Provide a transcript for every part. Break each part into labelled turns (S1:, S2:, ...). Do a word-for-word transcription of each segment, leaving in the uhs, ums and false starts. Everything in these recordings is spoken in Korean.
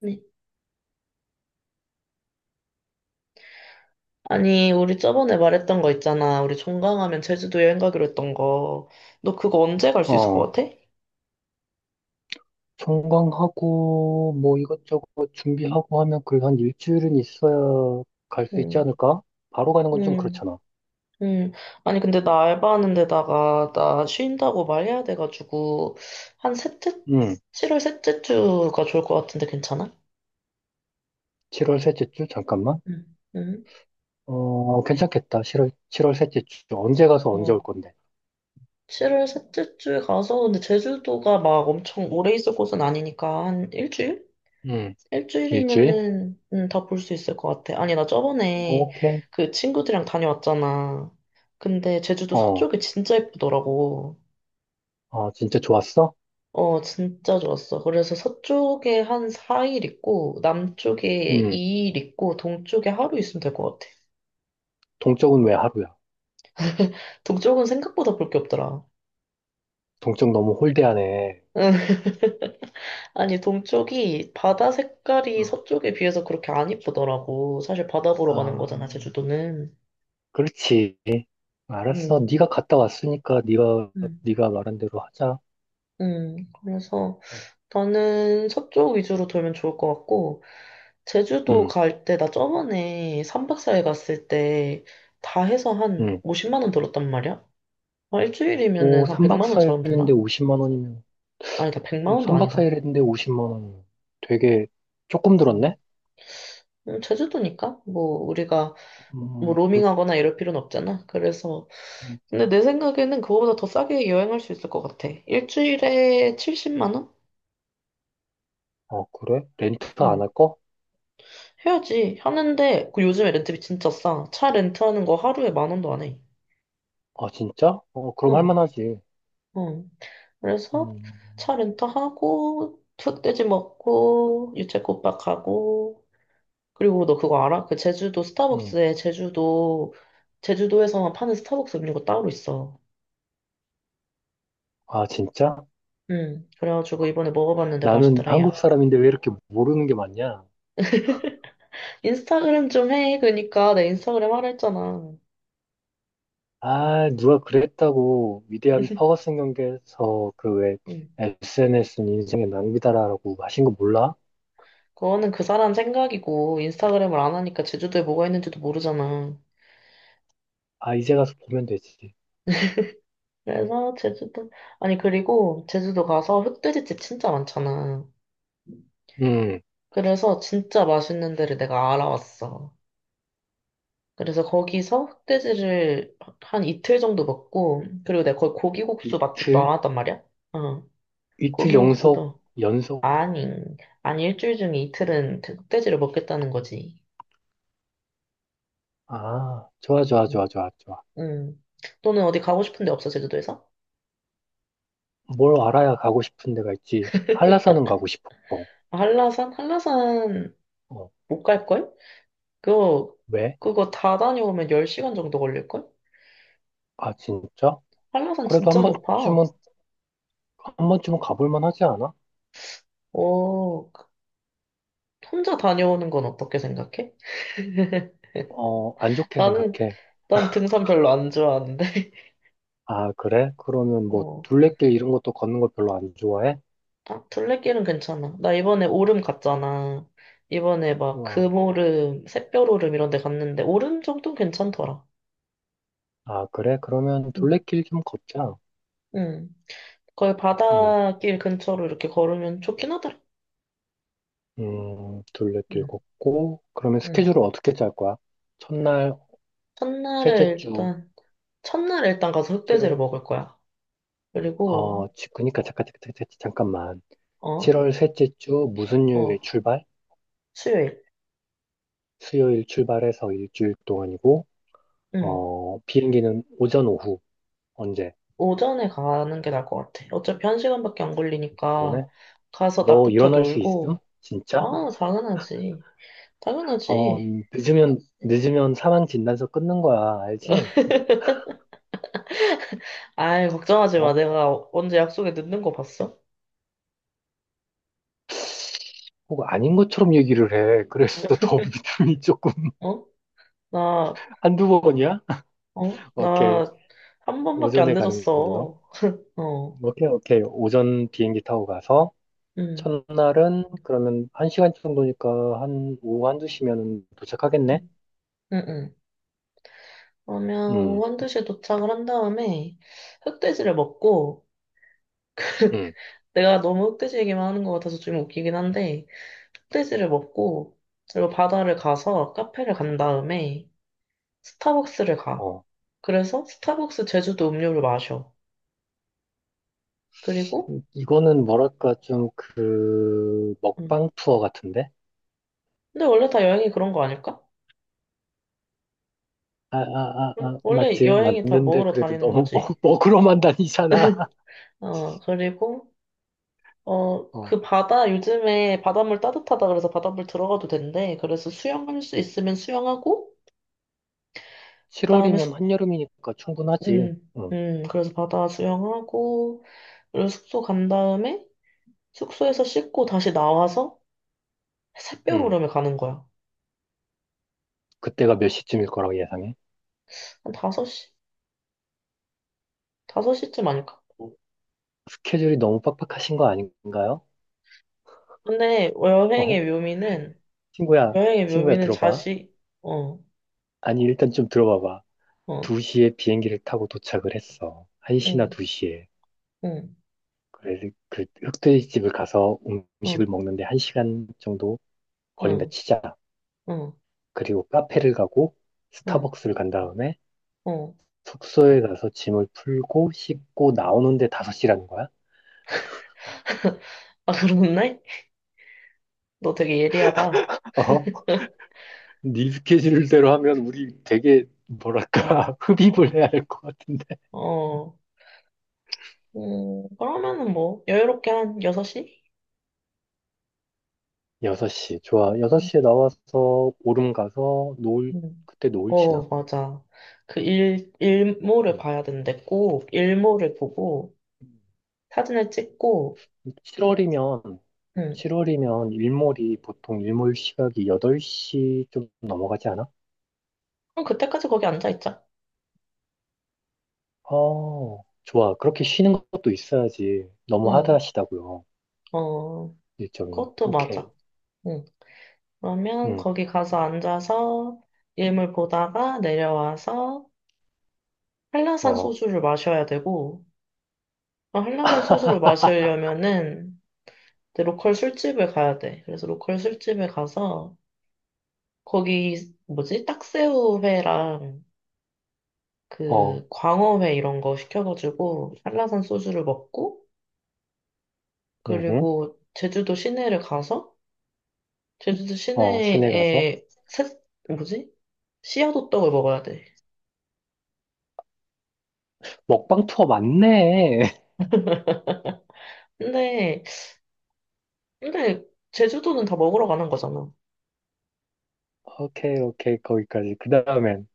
S1: 네. 아니, 우리 저번에 말했던 거 있잖아. 우리 종강하면 제주도 여행 가기로 했던 거. 너 그거 언제 갈 수 있을
S2: 어,
S1: 것 같아?
S2: 청강하고 뭐 이것저것 준비하고 하면 그래도 한 일주일은 있어야 갈 수 있지
S1: 응,
S2: 않을까? 바로 가는 건 좀
S1: 응,
S2: 그렇잖아.
S1: 응. 아니, 근데 나 알바하는 데다가 나 쉰다고 말해야 돼가지고, 한 셋째,
S2: 응,
S1: 칠월 셋째 주가 좋을 것 같은데 괜찮아?
S2: 칠월 셋째 주 잠깐만.
S1: 응, 응,
S2: 어, 괜찮겠다. 7월 칠월 셋째 주 언제 가서 언제 올
S1: 어.
S2: 건데?
S1: 칠월 셋째 주에 가서, 근데 제주도가 막 엄청 오래 있을 곳은 아니니까, 한 일주일?
S2: 응, 일주일?
S1: 일주일이면은 음, 다볼 수 있을 것 같아. 아니, 나 저번에
S2: 오케이.
S1: 그 친구들이랑 다녀왔잖아. 근데 제주도
S2: 어,
S1: 서쪽이 진짜 예쁘더라고.
S2: 아 진짜 좋았어?
S1: 어, 진짜 좋았어. 그래서 서쪽에 한 사 일 있고, 남쪽에
S2: 응,
S1: 이 일 있고, 동쪽에 하루 있으면 될 것 같아.
S2: 동쪽은 왜 하루야?
S1: 동쪽은 생각보다 볼 게 없더라.
S2: 동쪽 너무 홀대하네.
S1: 아니, 동쪽이 바다 색깔이
S2: 응.
S1: 서쪽에 비해서 그렇게 안 예쁘더라고. 사실 바다 보러 가는 거잖아,
S2: 아,
S1: 제주도는.
S2: 그렇지. 알았어.
S1: 음.
S2: 네가 갔다 왔으니까 네가
S1: 음.
S2: 네가 말한 대로 하자.
S1: 음, 그래서 나는 서쪽 위주로 돌면 좋을 것 같고, 제주도
S2: 응.
S1: 갈 때, 나 저번에 삼박사일 갔을 때, 다 해서 한
S2: 응.
S1: 오십만 원 들었단 말이야? 아,
S2: 오,
S1: 일주일이면은 한
S2: 삼 박
S1: 백만 원 잡으면
S2: 사 일인데
S1: 되나?
S2: 오십만 원이면,
S1: 아니다, 백만 원도
S2: 삼 박
S1: 아니다.
S2: 사 일인데 오십만 원이면 되게 조금
S1: 음,
S2: 들었네?
S1: 음, 제주도니까? 뭐, 우리가, 뭐,
S2: 음, 물-
S1: 로밍하거나 이럴 필요는 없잖아. 그래서,
S2: 음,
S1: 근데 내 생각에는 그거보다 더 싸게 여행할 수 있을 것 같아. 일주일에 칠십만 원?
S2: 어, 그래? 렌트 안
S1: 응,
S2: 할 거?
S1: 해야지. 하는데, 그 요즘에 렌트비 진짜 싸. 차 렌트하는 거 하루에 만 원도 안 해.
S2: 아, 진짜? 어, 그럼 할
S1: 응,
S2: 만하지.
S1: 응. 그래서
S2: 음,
S1: 차 렌트하고, 흑돼지 먹고, 유채꽃밭 가고, 그리고 너 그거 알아? 그 제주도
S2: 음.
S1: 스타벅스에 제주도, 제주도에서만 파는 스타벅스 음료가 따로 있어.
S2: 아, 진짜?
S1: 응, 그래가지고 이번에 먹어봤는데
S2: 나는
S1: 맛있더라,
S2: 한국
S1: 야.
S2: 사람인데 왜 이렇게 모르는 게 많냐?
S1: 인스타그램 좀 해. 그러니까 내 인스타그램 하라 했잖아.
S2: 아, 누가 그랬다고 위대한 퍼거슨 경기에서 그 왜
S1: 응.
S2: 에스엔에스는 인생의 낭비다라고 하신 거 몰라?
S1: 그거는 그 사람 생각이고, 인스타그램을 안 하니까 제주도에 뭐가 있는지도 모르잖아.
S2: 아, 이제 가서 보면 되지.
S1: 그래서 제주도, 아니, 그리고 제주도 가서 흑돼지집 진짜 많잖아.
S2: 음,
S1: 그래서 진짜 맛있는 데를 내가 알아왔어. 그래서 거기서 흑돼지를 한 이틀 정도 먹고, 그리고 내가 거기 고기국수 맛집도 알
S2: 이틀?
S1: 왔단 말이야? 응.
S2: 이틀 연속,
S1: 고기국수도.
S2: 연속.
S1: 아니, 아니, 일주일 중에 이틀은 흑돼지를 먹겠다는 거지.
S2: 아, 좋아, 좋아, 좋아,
S1: 응.
S2: 좋아, 좋아.
S1: 응. 너는 어디 가고 싶은 데 없어, 제주도에서?
S2: 뭘 알아야 가고 싶은 데가 있지. 한라산은 가고 싶어.
S1: 아, 한라산? 한라산
S2: 어,
S1: 못 갈걸? 그거,
S2: 왜?
S1: 그거 다 다녀오면 열 시간 정도 걸릴걸?
S2: 아, 진짜?
S1: 한라산
S2: 그래도
S1: 진짜
S2: 한
S1: 높아.
S2: 번쯤은, 한 번쯤은 가볼 만하지 않아?
S1: 오, 혼자 다녀오는 건 어떻게 생각해?
S2: 어, 안 좋게
S1: 나는
S2: 생각해.
S1: 난 등산 별로 안 좋아하는데.
S2: 아, 그래? 그러면 뭐,
S1: 어,
S2: 둘레길 이런 것도 걷는 걸 별로 안 좋아해?
S1: 아, 둘레길은 괜찮아. 나 이번에 오름 갔잖아. 이번에 막
S2: 와,
S1: 금오름, 샛별오름 이런 데 갔는데 오름 정도는 괜찮더라.
S2: 아, 그래? 그러면
S1: 응.
S2: 둘레길 좀 걷자.
S1: 응. 거의
S2: 음,
S1: 바닷길 근처로 이렇게 걸으면 좋긴 하더라.
S2: 음, 둘레길
S1: 응.
S2: 걷고, 그러면
S1: 응.
S2: 스케줄을 어떻게 짤 거야? 첫날,
S1: 첫날에
S2: 셋째 주,
S1: 일단 첫날에 일단 가서 흑돼지를
S2: 칠월,
S1: 먹을 거야. 그리고
S2: 어, 지- 그니까 잠깐, 잠깐, 잠깐, 잠깐만.
S1: 어,
S2: 칠월 셋째 주 무슨 요일에
S1: 어,
S2: 출발?
S1: 수요일.
S2: 수요일 출발해서 일주일 동안이고,
S1: 응.
S2: 어, 비행기는 오전 오후 언제?
S1: 오전에 가는 게 나을 것 같아. 어차피 한 시간밖에 안 걸리니까
S2: 너네?
S1: 가서
S2: 너
S1: 낮부터
S2: 일어날 수 있음?
S1: 놀고
S2: 진짜?
S1: 아, 당연하지.
S2: 어,
S1: 당연하지.
S2: 늦으면 늦으면 사망 진단서 끊는 거야, 알지?
S1: 아이, 걱정하지 마.
S2: 어?
S1: 내가 언제 약속에 늦는 거 봤어?
S2: 혹 아닌 것처럼 얘기를 해. 그래서 더 믿음이 조금
S1: 어? 나,
S2: 한두
S1: 어?
S2: 번이야?
S1: 어?
S2: 오케이.
S1: 나 한 번밖에 안
S2: 오전에 가는 걸로.
S1: 늦었어. 어,
S2: 오케이, 오케이. 오전 비행기 타고 가서
S1: 응,
S2: 첫날은 그러면 한 시간 정도니까 한 오후 한두 시면은 도착하겠네?
S1: 응, 응. 응. 그러면
S2: 음,
S1: 오후 한두시에 도착을 한 다음에 흑돼지를 먹고,
S2: 음,
S1: 내가 너무 흑돼지 얘기만 하는 것 같아서 좀 웃기긴 한데, 흑돼지를 먹고, 그리고 바다를 가서 카페를 간 다음에 스타벅스를 가.
S2: 어.
S1: 그래서 스타벅스 제주도 음료를 마셔. 그리고,
S2: 이거는 뭐랄까 좀 그
S1: 응.
S2: 먹방 투어 같은데?
S1: 근데 원래 다 여행이 그런 거 아닐까?
S2: 아, 아, 아,
S1: 응?
S2: 아,
S1: 원래
S2: 맞지?
S1: 여행이 다
S2: 맞는데
S1: 먹으러
S2: 그래도
S1: 다니는
S2: 너무
S1: 거지.
S2: 먹, 먹으러만 다니잖아.
S1: 어, 그리고, 어,
S2: 어.
S1: 그 바다, 요즘에 바닷물 따뜻하다 그래서 바닷물 들어가도 된대. 그래서 수영할 수 있으면 수영하고, 그 다음에
S2: 칠월이면
S1: 숙,
S2: 한여름이니까 충분하지.
S1: 음,
S2: 응,
S1: 음, 그래서 바다 수영하고, 그리고 숙소 간 다음에 숙소에서 씻고 다시 나와서 샛별
S2: 응,
S1: 오름에 가는 거야.
S2: 그때가 몇 시쯤일 거라고 예상해?
S1: 한 다섯 시? 다섯 시쯤 아닐까?
S2: 어, 스케줄이 너무 빡빡하신 거 아닌가요?
S1: 근데 여행의
S2: 어?
S1: 묘미는,
S2: 친구야,
S1: 여행의
S2: 친구야
S1: 묘미는
S2: 들어봐.
S1: 자식, 어,
S2: 아니 일단 좀 들어봐봐.
S1: 어,
S2: 두 시에 비행기를 타고 도착을 했어. 한 시나
S1: 응.
S2: 두 시에.
S1: 응.
S2: 그래서 그 흑돼지집을 가서
S1: 응,
S2: 음식을 먹는데 한 시간 정도 걸린다
S1: 응,
S2: 치자.
S1: 응,
S2: 그리고 카페를 가고
S1: 응,
S2: 스타벅스를 간 다음에
S1: 어.
S2: 숙소에 가서 짐을 풀고 씻고 나오는데 다섯 시라는 거야?
S1: 아, 그렇네? 너 되게 예리하다.
S2: 어? 네 스케줄대로 하면 우리 되게 뭐랄까
S1: 어,
S2: 흡입을
S1: 어,
S2: 해야 할 것 같은데
S1: 어. 음, 그러면은 뭐, 여유롭게 한 여섯 시?
S2: 여섯 시 좋아,
S1: 음,
S2: 여섯 시에 나와서 오름 가서 노을,
S1: 음.
S2: 그때 노을
S1: 어,
S2: 치나?
S1: 맞아. 그 일, 일몰을
S2: 음.
S1: 봐야 되는데 꼭 일몰을 보고 사진을 찍고,
S2: 칠월이면
S1: 응.
S2: 칠월이면 일몰이 보통 일몰 시각이 여덟 시 좀 넘어가지 않아?
S1: 그럼 그때까지 거기 앉아있자.
S2: 어, 좋아. 그렇게 쉬는 것도 있어야지. 너무
S1: 응,
S2: 하드하시다고요.
S1: 어,
S2: 일정이.
S1: 그것도 맞아.
S2: 오케이.
S1: 응. 그러면
S2: 응.
S1: 거기 가서 앉아서 일몰 보다가 내려와서 한라산
S2: 어,
S1: 소주를 마셔야 되고, 어, 한라산 소주를 마시려면은 이제 로컬 술집을 가야 돼. 그래서 로컬 술집에 가서 거기 뭐지? 딱새우회랑
S2: 어,
S1: 그 광어회 이런 거 시켜가지고 한라산 소주를 먹고
S2: 응.
S1: 그리고 제주도 시내를 가서 제주도
S2: 어, 시내 가서
S1: 시내에 새, 뭐지? 씨앗호떡을 먹어야 돼.
S2: 먹방 투어 맞네.
S1: 근데 근데 제주도는 다 먹으러 가는 거잖아.
S2: 오케이, 오케이. 거기까지. 그 다음엔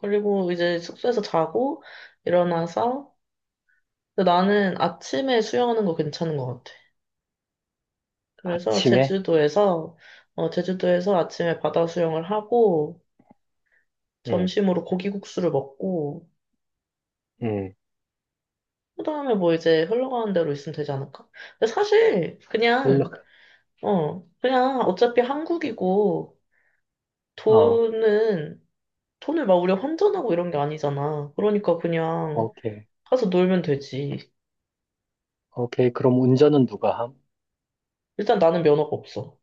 S1: 그리고 이제 숙소에서 자고 일어나서 근데 나는 아침에 수영하는 거 괜찮은 것 같아. 그래서
S2: 아침에
S1: 제주도에서, 어, 제주도에서 아침에 바다 수영을 하고,
S2: 응,
S1: 점심으로 고기국수를 먹고,
S2: 응.
S1: 그다음에 뭐 이제 흘러가는 대로 있으면 되지 않을까? 근데 사실,
S2: 일로
S1: 그냥,
S2: 가.
S1: 어, 그냥 어차피 한국이고,
S2: 어,
S1: 돈은, 돈을 막 우리가 환전하고 이런 게 아니잖아. 그러니까 그냥
S2: 오케이.
S1: 가서 놀면 되지.
S2: 오케이. 그럼 운전은 누가 함?
S1: 일단 나는 면허가 없어.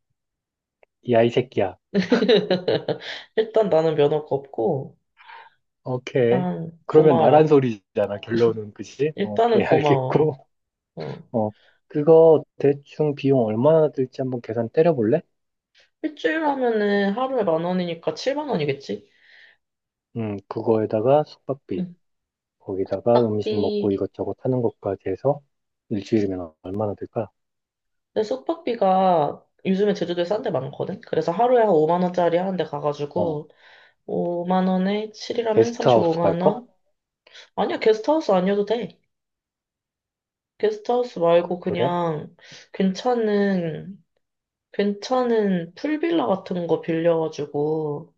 S2: 이 아이 새끼야.
S1: 일단 나는 면허가 없고,
S2: 오케이.
S1: 일단
S2: 그러면 나란
S1: 고마워.
S2: 소리잖아, 결론은. 그지?
S1: 일단은
S2: 오케이,
S1: 고마워.
S2: 알겠고.
S1: 어.
S2: 어, 그거 대충 비용 얼마나 들지 한번 계산 때려볼래?
S1: 일주일 하면은 하루에 만 원이니까 칠만 원이겠지?
S2: 음, 그거에다가 숙박비,
S1: 응.
S2: 거기다가 음식
S1: 숙박비.
S2: 먹고 이것저것 하는 것까지 해서 일주일이면 얼마나 들까?
S1: 근데 숙박비가 요즘에 제주도에 싼 데 많거든? 그래서 하루에 한 오만 원짜리 하는데
S2: 어,
S1: 가가지고 오만 원에 칠이라면
S2: 게스트하우스 갈
S1: 삼십오만
S2: 거?
S1: 원? 아니야, 게스트하우스 아니어도 돼. 게스트하우스 말고
S2: 그래?
S1: 그냥 괜찮은, 괜찮은 풀빌라 같은 거 빌려가지고.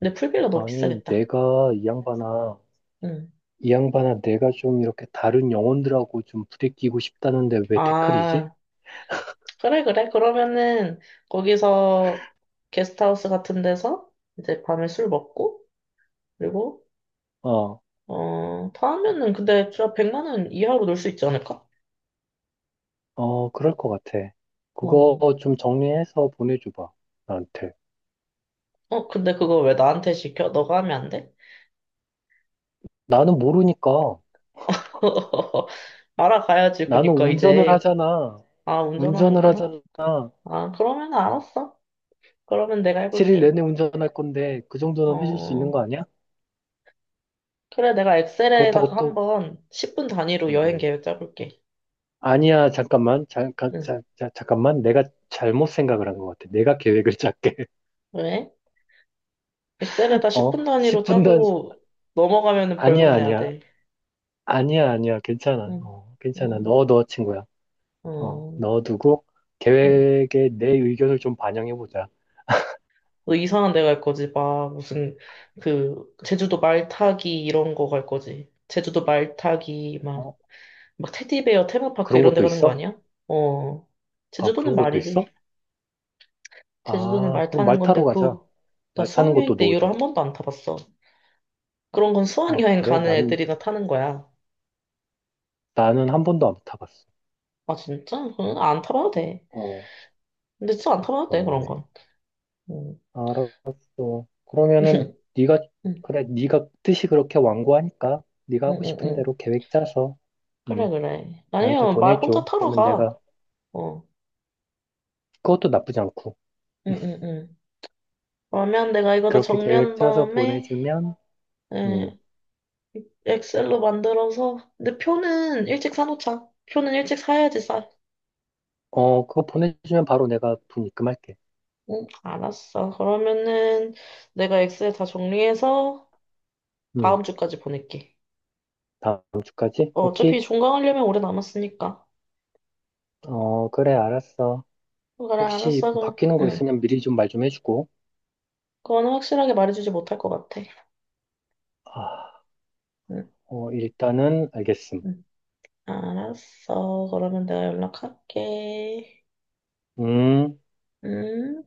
S1: 근데 풀빌라 너무
S2: 아니,
S1: 비싸겠다.
S2: 내가 이 양반아,
S1: 응.
S2: 이 양반아, 내가 좀 이렇게 다른 영혼들하고 좀 부대끼고 싶다는데 왜 태클이지?
S1: 아, 그래, 그래. 그러면은 거기서 게스트하우스 같은 데서 이제 밤에 술 먹고 그리고
S2: 어,
S1: 어, 다 하면은 근데 진짜 백만 원 이하로 놀 수 있지 않을까?
S2: 어, 그럴 것 같아.
S1: 어.
S2: 그거 좀 정리해서 보내줘봐, 나한테.
S1: 어, 근데 그거 왜 나한테 시켜? 너가 하면 안 돼?
S2: 나는 모르니까.
S1: 알아가야지.
S2: 나는
S1: 그니까
S2: 운전을
S1: 이제
S2: 하잖아.
S1: 아,
S2: 운전을
S1: 운전하는구나.
S2: 하잖아.
S1: 아, 그러면 알았어. 그러면 내가
S2: 칠 일
S1: 해볼게.
S2: 내내 운전할 건데, 그 정도는 해줄 수 있는
S1: 어.
S2: 거 아니야?
S1: 그래, 내가 엑셀에다가
S2: 그렇다고 또,
S1: 한번 십 분 단위로 여행
S2: 음,
S1: 계획 짜볼게.
S2: 아니야, 잠깐만. 잠깐,
S1: 응.
S2: 자, 자, 잠깐만. 내가 잘못 생각을 한 것 같아. 내가 계획을 짰게.
S1: 왜? 엑셀에다
S2: 어,
S1: 십 분 단위로
S2: 십 분 전,
S1: 짜고 넘어가면은 벌금
S2: 아니야,
S1: 내야
S2: 아니야.
S1: 돼.
S2: 아니야, 아니야. 괜찮아.
S1: 응.
S2: 어, 괜찮아.
S1: 어,
S2: 넣어, 넣어, 친구야. 어,
S1: 어,
S2: 넣어두고,
S1: 어.
S2: 계획에 내 의견을 좀 반영해보자.
S1: 너 이상한 데 갈 거지. 막 무슨 그 제주도 말 타기 이런 거 갈 거지. 제주도 말 타기 막
S2: 어,
S1: 막 테디베어 테마파크
S2: 그런
S1: 이런 데
S2: 것도
S1: 가는 거
S2: 있어?
S1: 아니야? 어.
S2: 아,
S1: 제주도는
S2: 그런 것도
S1: 말이지.
S2: 있어?
S1: 제주도는
S2: 아,
S1: 말
S2: 그럼
S1: 타는
S2: 말
S1: 건데
S2: 타러 가자.
S1: 그 나
S2: 말 타는 것도
S1: 수학여행 때 이후로
S2: 넣어줘.
S1: 한 번도 안 타봤어. 그런 건
S2: 아,
S1: 수학여행
S2: 그래?
S1: 가는
S2: 난,
S1: 애들이나 타는 거야.
S2: 나는 한 번도 안 타봤어.
S1: 아 진짜? 그건 안 타봐도 돼.
S2: 어,
S1: 근데 진짜 안 타봐도 돼 그런
S2: 너무하네.
S1: 건. 음.
S2: 알았어. 그러면은, 네가,
S1: 응,
S2: 그래, 네가 뜻이 그렇게 완고하니까, 네가
S1: 응,
S2: 하고
S1: 응,
S2: 싶은
S1: 응,
S2: 대로 계획 짜서,
S1: 그래,
S2: 음,
S1: 그래.
S2: 나한테
S1: 아니면 말 혼자
S2: 보내줘.
S1: 타러
S2: 그러면 내가,
S1: 가. 어.
S2: 그것도 나쁘지 않고,
S1: 응, 응, 응. 그러면 내가 이거 다
S2: 그렇게 계획
S1: 정리한
S2: 짜서
S1: 다음에,
S2: 보내주면,
S1: 예,
S2: 음,
S1: 엑셀로 만들어서. 근데 표는 일찍 사놓자. 표는 일찍 사야지 싸.
S2: 어, 그거 보내주면 바로 내가 돈 입금할게.
S1: 응. 알았어. 그러면은 내가 엑셀 다 정리해서
S2: 음,
S1: 다음 주까지 보낼게.
S2: 다음 주까지?
S1: 어, 어차피
S2: 오케이?
S1: 종강하려면 오래 남았으니까.
S2: 어, 그래, 알았어.
S1: 그래,
S2: 혹시
S1: 알았어. 그럼,
S2: 바뀌는 거
S1: 응.
S2: 있으면 미리 좀 말 좀 해주고.
S1: 그건 확실하게 말해주지 못할 것 같아.
S2: 아,
S1: 응,
S2: 어, 일단은 알겠음.
S1: 응. 알았어. 그러면 내가 연락할게.
S2: 음.
S1: 음.